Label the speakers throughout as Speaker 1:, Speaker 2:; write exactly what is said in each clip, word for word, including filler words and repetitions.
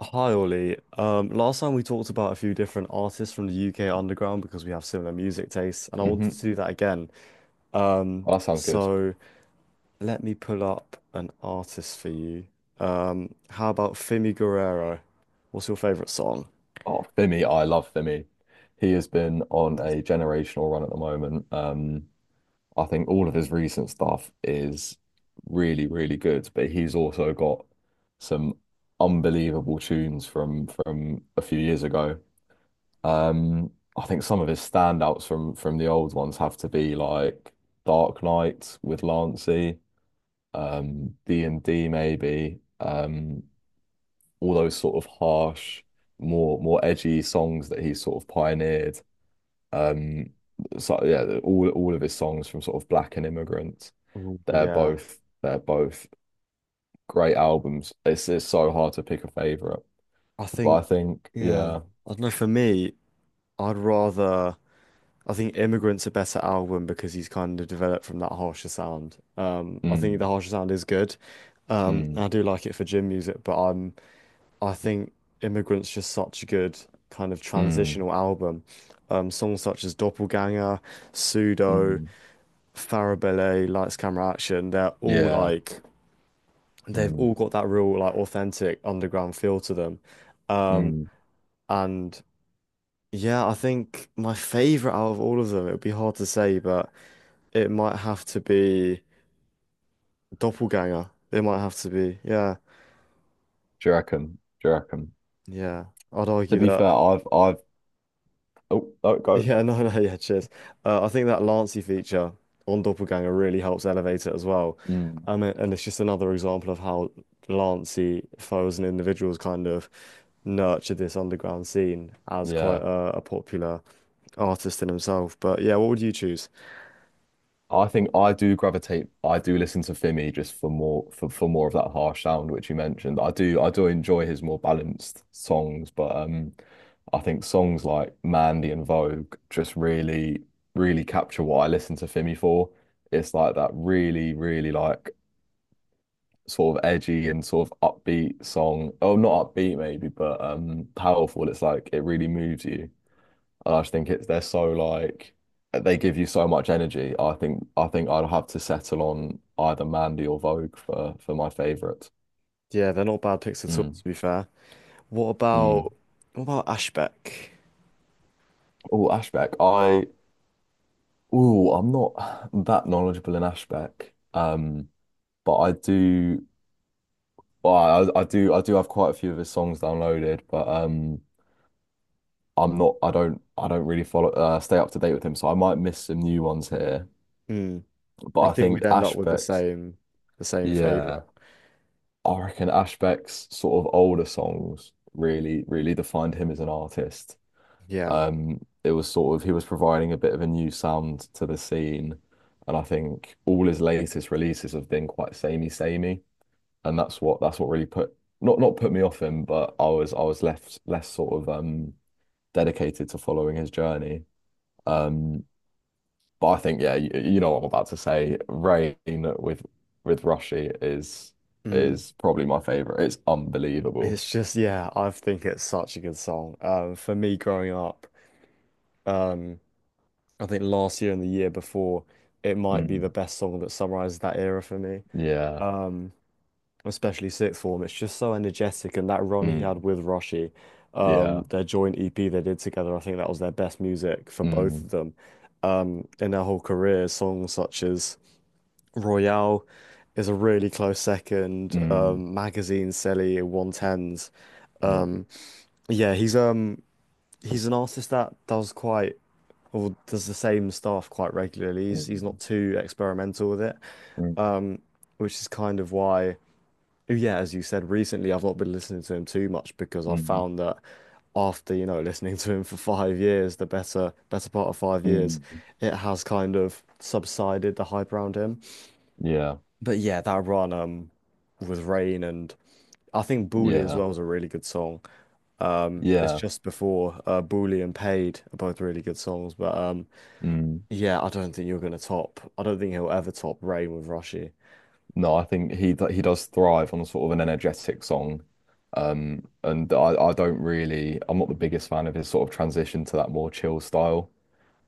Speaker 1: Hi Ollie. Um, last time we talked about a few different artists from the U K underground because we have similar music tastes, and I wanted to
Speaker 2: hmm
Speaker 1: do that again. Um,
Speaker 2: Well, that sounds good.
Speaker 1: so let me pull up an artist for you. Um, how about Fimi Guerrero? What's your favorite song?
Speaker 2: Oh, Vimy, I love Vimy. He has been on a generational run at the moment. Um, I think all of his recent stuff is really, really good, but he's also got some unbelievable tunes from from a few years ago. Um, I think some of his standouts from from the old ones have to be like Dark Knight with Lancey, um, D and D maybe. Um, all those sort of harsh, more more edgy songs that he sort of pioneered. Um, so yeah, all all of his songs from sort of Black and Immigrant,
Speaker 1: Oh
Speaker 2: they're
Speaker 1: yeah,
Speaker 2: both they're both great albums. It's it's so hard to pick a favorite,
Speaker 1: I
Speaker 2: but
Speaker 1: think
Speaker 2: I think
Speaker 1: yeah.
Speaker 2: yeah.
Speaker 1: I don't know. For me, I'd rather I think Immigrant's a better album because he's kind of developed from that harsher sound. Um, I think the
Speaker 2: Mm,
Speaker 1: harsher sound is good. Um,
Speaker 2: mm,
Speaker 1: I do like it for gym music, but I'm I think Immigrant's just such a good kind of
Speaker 2: mm,
Speaker 1: transitional album. Um, songs such as Doppelganger, Pseudo,
Speaker 2: mm,
Speaker 1: Farabelle, Lights, Camera, Action, they're all
Speaker 2: yeah,
Speaker 1: like, they've
Speaker 2: mm,
Speaker 1: all got that real like authentic underground feel to them. Um,
Speaker 2: mm.
Speaker 1: and yeah, I think my favorite out of all of them, it would be hard to say, but it might have to be Doppelganger. It might have to be, yeah,
Speaker 2: Do you reckon? Do you reckon?
Speaker 1: yeah. I'd
Speaker 2: To
Speaker 1: argue
Speaker 2: be fair,
Speaker 1: that.
Speaker 2: I've I've, oh, oh, go,
Speaker 1: Yeah, no, no, yeah, cheers. Uh, I think that Lancy feature on Doppelganger really helps elevate it as well.
Speaker 2: mm,
Speaker 1: Um, and it's just another example of how Lancy foes and individuals kind of nurtured this underground scene as
Speaker 2: yeah.
Speaker 1: quite a, a popular artist in himself. But yeah, what would you choose?
Speaker 2: I think I do gravitate. I do listen to Fimi just for more for, for more of that harsh sound which you mentioned. I do I do enjoy his more balanced songs, but um, I think songs like Mandy and Vogue just really, really capture what I listen to Fimi for. It's like that really, really, like, sort of edgy and sort of upbeat song. Oh, not upbeat maybe, but um, powerful. It's like it really moves you. And I just think it's they're so like they give you so much energy. I think I think I'd have to settle on either Mandy or Vogue for for my favourite.
Speaker 1: Yeah, they're not bad picks at all,
Speaker 2: Mm,
Speaker 1: to be fair. What
Speaker 2: mm.
Speaker 1: about what about Ashbeck?
Speaker 2: Oh, Ashbeck. I Oh, I'm not that knowledgeable in Ashbeck. Um, but I do, well, I, I do I do have quite a few of his songs downloaded, but um I'm not I don't I don't really follow, uh, stay up to date with him, so I might miss some new ones here.
Speaker 1: Hmm.
Speaker 2: But
Speaker 1: I
Speaker 2: I
Speaker 1: think
Speaker 2: think
Speaker 1: we'd end up with the
Speaker 2: Ashbeck's,
Speaker 1: same the same favorite.
Speaker 2: yeah. I reckon Ashbeck's sort of older songs really, really defined him as an artist.
Speaker 1: Yeah.
Speaker 2: Um, it was sort of, he was providing a bit of a new sound to the scene, and I think all his latest releases have been quite samey, samey, and that's what that's what really put not not put me off him, but I was I was left less sort of um dedicated to following his journey. Um, but I think, yeah, you, you know what I'm about to say. Rain with with Roshi is
Speaker 1: Hmm.
Speaker 2: is probably my favorite. It's unbelievable.
Speaker 1: It's just yeah, I think it's such a good song. Um, for me growing up, um, I think last year and the year before, it might be
Speaker 2: Mm,
Speaker 1: the best song that summarizes that era for me.
Speaker 2: yeah.
Speaker 1: Um, Especially sixth form, it's just so energetic, and that run he had
Speaker 2: Mm,
Speaker 1: with Roshi,
Speaker 2: yeah.
Speaker 1: um, their joint E P they did together, I think that was their best music for both of
Speaker 2: Mm,
Speaker 1: them. Um, in their whole career, songs such as Royale is a really close second.
Speaker 2: mm,
Speaker 1: Um, Magazine, Selly, one ten s.
Speaker 2: mm,
Speaker 1: Yeah, he's um he's an artist that does quite or does the same stuff quite regularly. He's he's not
Speaker 2: mm,
Speaker 1: too experimental with it,
Speaker 2: mm,
Speaker 1: which is kind of why, oh yeah, as you said, recently I've not been listening to him too much because I
Speaker 2: mm,
Speaker 1: found that after, you know, listening to him for five years, the better better part of five years,
Speaker 2: mm.
Speaker 1: it has kind of subsided the hype around him.
Speaker 2: Yeah,
Speaker 1: But yeah, that run um with Rain and I think Bully as
Speaker 2: yeah,
Speaker 1: well is a really good song. Um, it's
Speaker 2: yeah.
Speaker 1: just before uh, Bully and Paid are both really good songs, but um,
Speaker 2: Mm.
Speaker 1: yeah, I don't think you're going to top. I don't think he'll ever top Rain with Rushy.
Speaker 2: No, I think he d- he does thrive on sort of an energetic song. Um, and I, I don't really, I'm not the biggest fan of his sort of transition to that more chill style.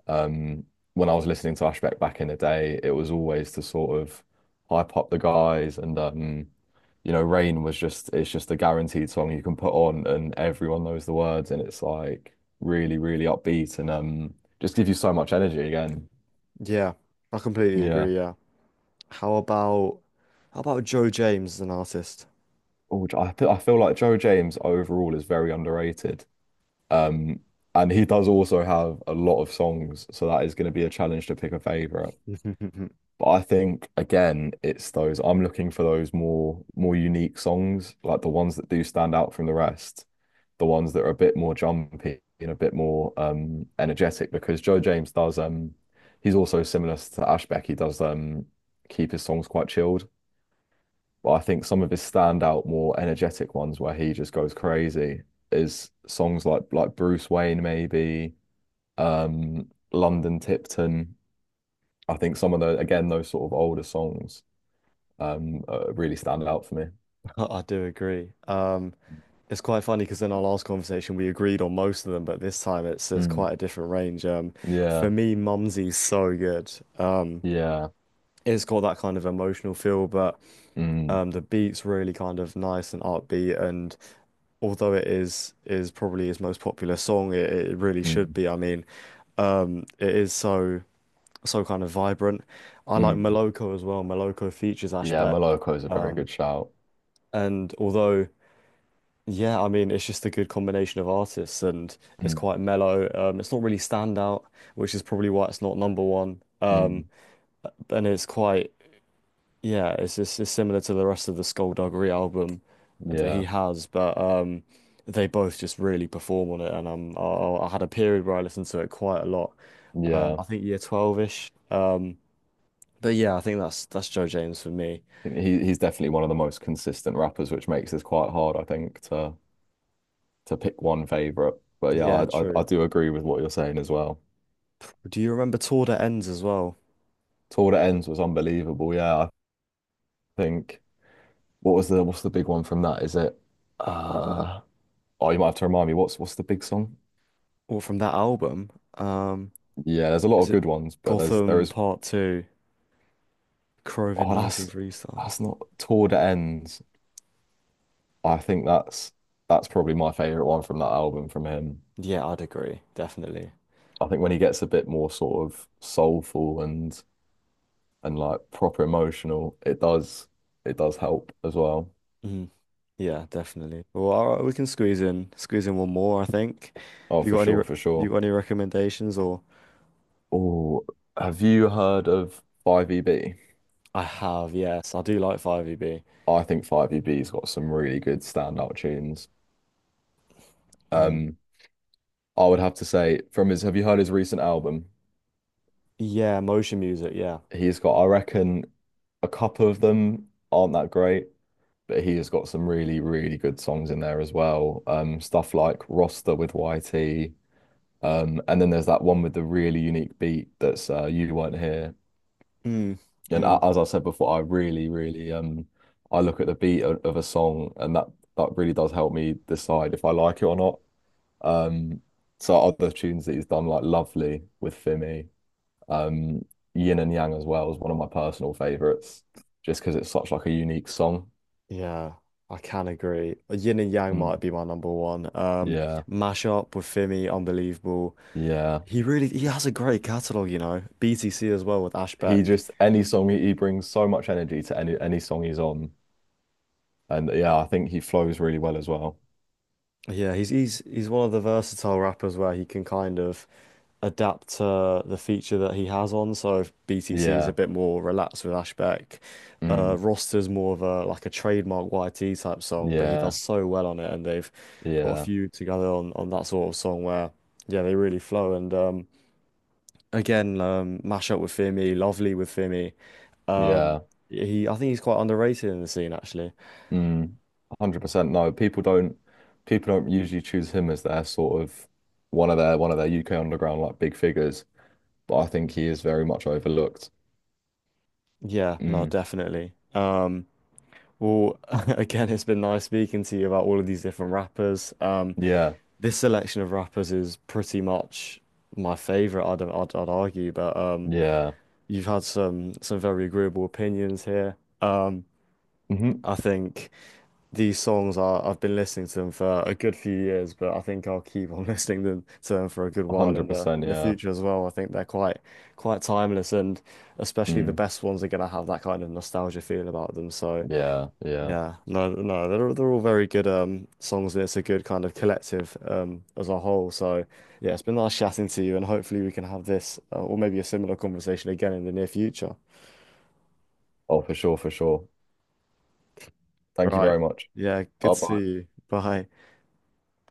Speaker 2: Um, when I was listening to Ashbeck back in the day, it was always to sort of hype up the guys and um, you know, Rain was just it's just a guaranteed song you can put on and everyone knows the words and it's like really, really upbeat and um just gives you so much energy again.
Speaker 1: Yeah, I completely
Speaker 2: Yeah.
Speaker 1: agree. Yeah. How about how about Joe James as an artist?
Speaker 2: Oh, which I feel, I feel like Joe James overall is very underrated. Um, and he does also have a lot of songs, so that is going to be a challenge to pick a favorite. But I think again, it's those I'm looking for those more more unique songs, like the ones that do stand out from the rest, the ones that are a bit more jumpy and a bit more, um energetic, because Joe James does, um he's also similar to Ashbeck. He does, um keep his songs quite chilled. But I think some of his standout, more energetic ones where he just goes crazy is songs like like Bruce Wayne maybe, um London Tipton. I think some of the, again, those sort of older songs, um uh, really stand out for me.
Speaker 1: I do agree. Um, it's quite funny because in our last conversation we agreed on most of them, but this time it's there's
Speaker 2: Mm,
Speaker 1: quite a different range. Um,
Speaker 2: yeah,
Speaker 1: for me, Mumsy's so good. Uh,
Speaker 2: yeah.
Speaker 1: it's got that kind of emotional feel, but
Speaker 2: Mm,
Speaker 1: um, the beat's really kind of nice and upbeat and although it is is probably his most popular song, it, it really should
Speaker 2: mm,
Speaker 1: be. I mean, Um, it is so so kind of vibrant. I like
Speaker 2: mm.
Speaker 1: Moloko as well. Moloko features
Speaker 2: Yeah,
Speaker 1: Ashbeck,
Speaker 2: Moloko is a very good shout.
Speaker 1: and although yeah, I mean it's just a good combination of artists, and it's
Speaker 2: Mm,
Speaker 1: quite mellow. Um, it's not really standout, which is probably why it's not number one. Um,
Speaker 2: mm,
Speaker 1: and it's quite yeah, it's just it's similar to the rest of the Skullduggery album that he
Speaker 2: yeah,
Speaker 1: has, but um, they both just really perform on it, and um, I, I had a period where I listened to it quite a lot. Um,
Speaker 2: yeah.
Speaker 1: I think year twelve-ish. But yeah, I think that's that's Joe James for me.
Speaker 2: I think he he's definitely one of the most consistent rappers, which makes this quite hard, I think, to to pick one favorite. But yeah,
Speaker 1: Yeah,
Speaker 2: I I,
Speaker 1: true.
Speaker 2: I do agree with what you're saying as well.
Speaker 1: Do you remember Tour That Ends as well?
Speaker 2: Tour That Ends was unbelievable. Yeah, I think what was the what's the big one from that? Is it uh Oh, you might have to remind me what's what's the big song.
Speaker 1: Or from that album? Um,
Speaker 2: Yeah, there's a lot
Speaker 1: is
Speaker 2: of
Speaker 1: it
Speaker 2: good ones, but there's there
Speaker 1: Gotham
Speaker 2: is
Speaker 1: Part Two, Crovin
Speaker 2: oh,
Speaker 1: nineteen
Speaker 2: that's
Speaker 1: Three
Speaker 2: that's
Speaker 1: Stars?
Speaker 2: not Toward the ends. I think that's that's probably my favorite one from that album from him.
Speaker 1: Yeah, I'd agree, definitely.
Speaker 2: I think when he gets a bit more sort of soulful and and like proper emotional, it does it does help as well.
Speaker 1: Mhm. Yeah, definitely. Well, all right, we can squeeze in squeeze in one more, I think.
Speaker 2: Oh,
Speaker 1: Have you
Speaker 2: for
Speaker 1: got any
Speaker 2: sure,
Speaker 1: re-
Speaker 2: for
Speaker 1: you
Speaker 2: sure.
Speaker 1: got any recommendations or?
Speaker 2: Oh, have you heard of five E B?
Speaker 1: I have, yes. I do like five E B.
Speaker 2: I think five E B's got some really good standout tunes.
Speaker 1: Mm.
Speaker 2: Um, I would have to say, from his, have you heard his recent album?
Speaker 1: Yeah, motion music, yeah.
Speaker 2: He's got, I reckon, a couple of them aren't that great, but he has got some really, really good songs in there as well. Um, stuff like Roster with Y T. Um, and then there's that one with the really unique beat, that's, uh, You Weren't Here.
Speaker 1: Mm.
Speaker 2: And a-
Speaker 1: Mm.
Speaker 2: as I said before, I really, really, um, I look at the beat of, of a song, and that that really does help me decide if I like it or not. Um, so other tunes that he's done like Lovely with Fimi, um, Yin and Yang as well is one of my personal favorites, just because it's such, like, a unique song.
Speaker 1: Yeah, I can agree. Yin and Yang might
Speaker 2: Mm.
Speaker 1: be my number one. Um,
Speaker 2: Yeah,
Speaker 1: Mashup with Fimi, unbelievable.
Speaker 2: yeah.
Speaker 1: He really he has a great catalog, you know. B T C as well with
Speaker 2: he
Speaker 1: Ashbeck.
Speaker 2: just Any song he, he brings so much energy to any any song he's on. And yeah, I think he flows really well as well.
Speaker 1: Yeah, he's he's he's one of the versatile rappers where he can kind of adapt to the feature that he has on. So if B T C is a
Speaker 2: Yeah.
Speaker 1: bit more relaxed with Ashbeck. Uh,
Speaker 2: Mm.
Speaker 1: Roster's more of a like a trademark Y T type song, but he does
Speaker 2: Yeah.
Speaker 1: so well on it, and they've got a
Speaker 2: Yeah.
Speaker 1: few together on on that sort of song where. Yeah, they really flow. And um, Again, um, mash up with Fimi, lovely with Fimi. Um,
Speaker 2: Yeah.
Speaker 1: he, I think he's quite underrated in the scene, actually.
Speaker 2: Mm. a hundred percent, no. People don't people don't usually choose him as their sort of one of their one of their U K underground, like, big figures, but I think he is very much overlooked.
Speaker 1: Yeah, no,
Speaker 2: Mm.
Speaker 1: definitely. Um, well, again, it's been nice speaking to you about all of these different rappers. Um,
Speaker 2: Yeah.
Speaker 1: this selection of rappers is pretty much my favorite, I'd, I'd, I'd argue, but um,
Speaker 2: Yeah.
Speaker 1: you've had some some very agreeable opinions here. Um,
Speaker 2: Mm-hmm.
Speaker 1: I think. These songs are I've been listening to them for a good few years, but I think I'll keep on listening them to them for a good while in the
Speaker 2: a hundred percent,
Speaker 1: in the
Speaker 2: yeah.
Speaker 1: future as well. I think they're quite quite timeless and especially the
Speaker 2: Mm.
Speaker 1: best ones are gonna have that kind of nostalgia feel about them. So
Speaker 2: Yeah. Yeah.
Speaker 1: yeah, no no, they're they're all very good um songs and it's a good kind of collective um as a whole. So yeah, it's been nice chatting to you and hopefully we can have this uh, or maybe a similar conversation again in the near future.
Speaker 2: Oh, for sure, for sure. Thank you
Speaker 1: Right.
Speaker 2: very much.
Speaker 1: Yeah, good
Speaker 2: Bye
Speaker 1: to see
Speaker 2: bye.
Speaker 1: you. Bye.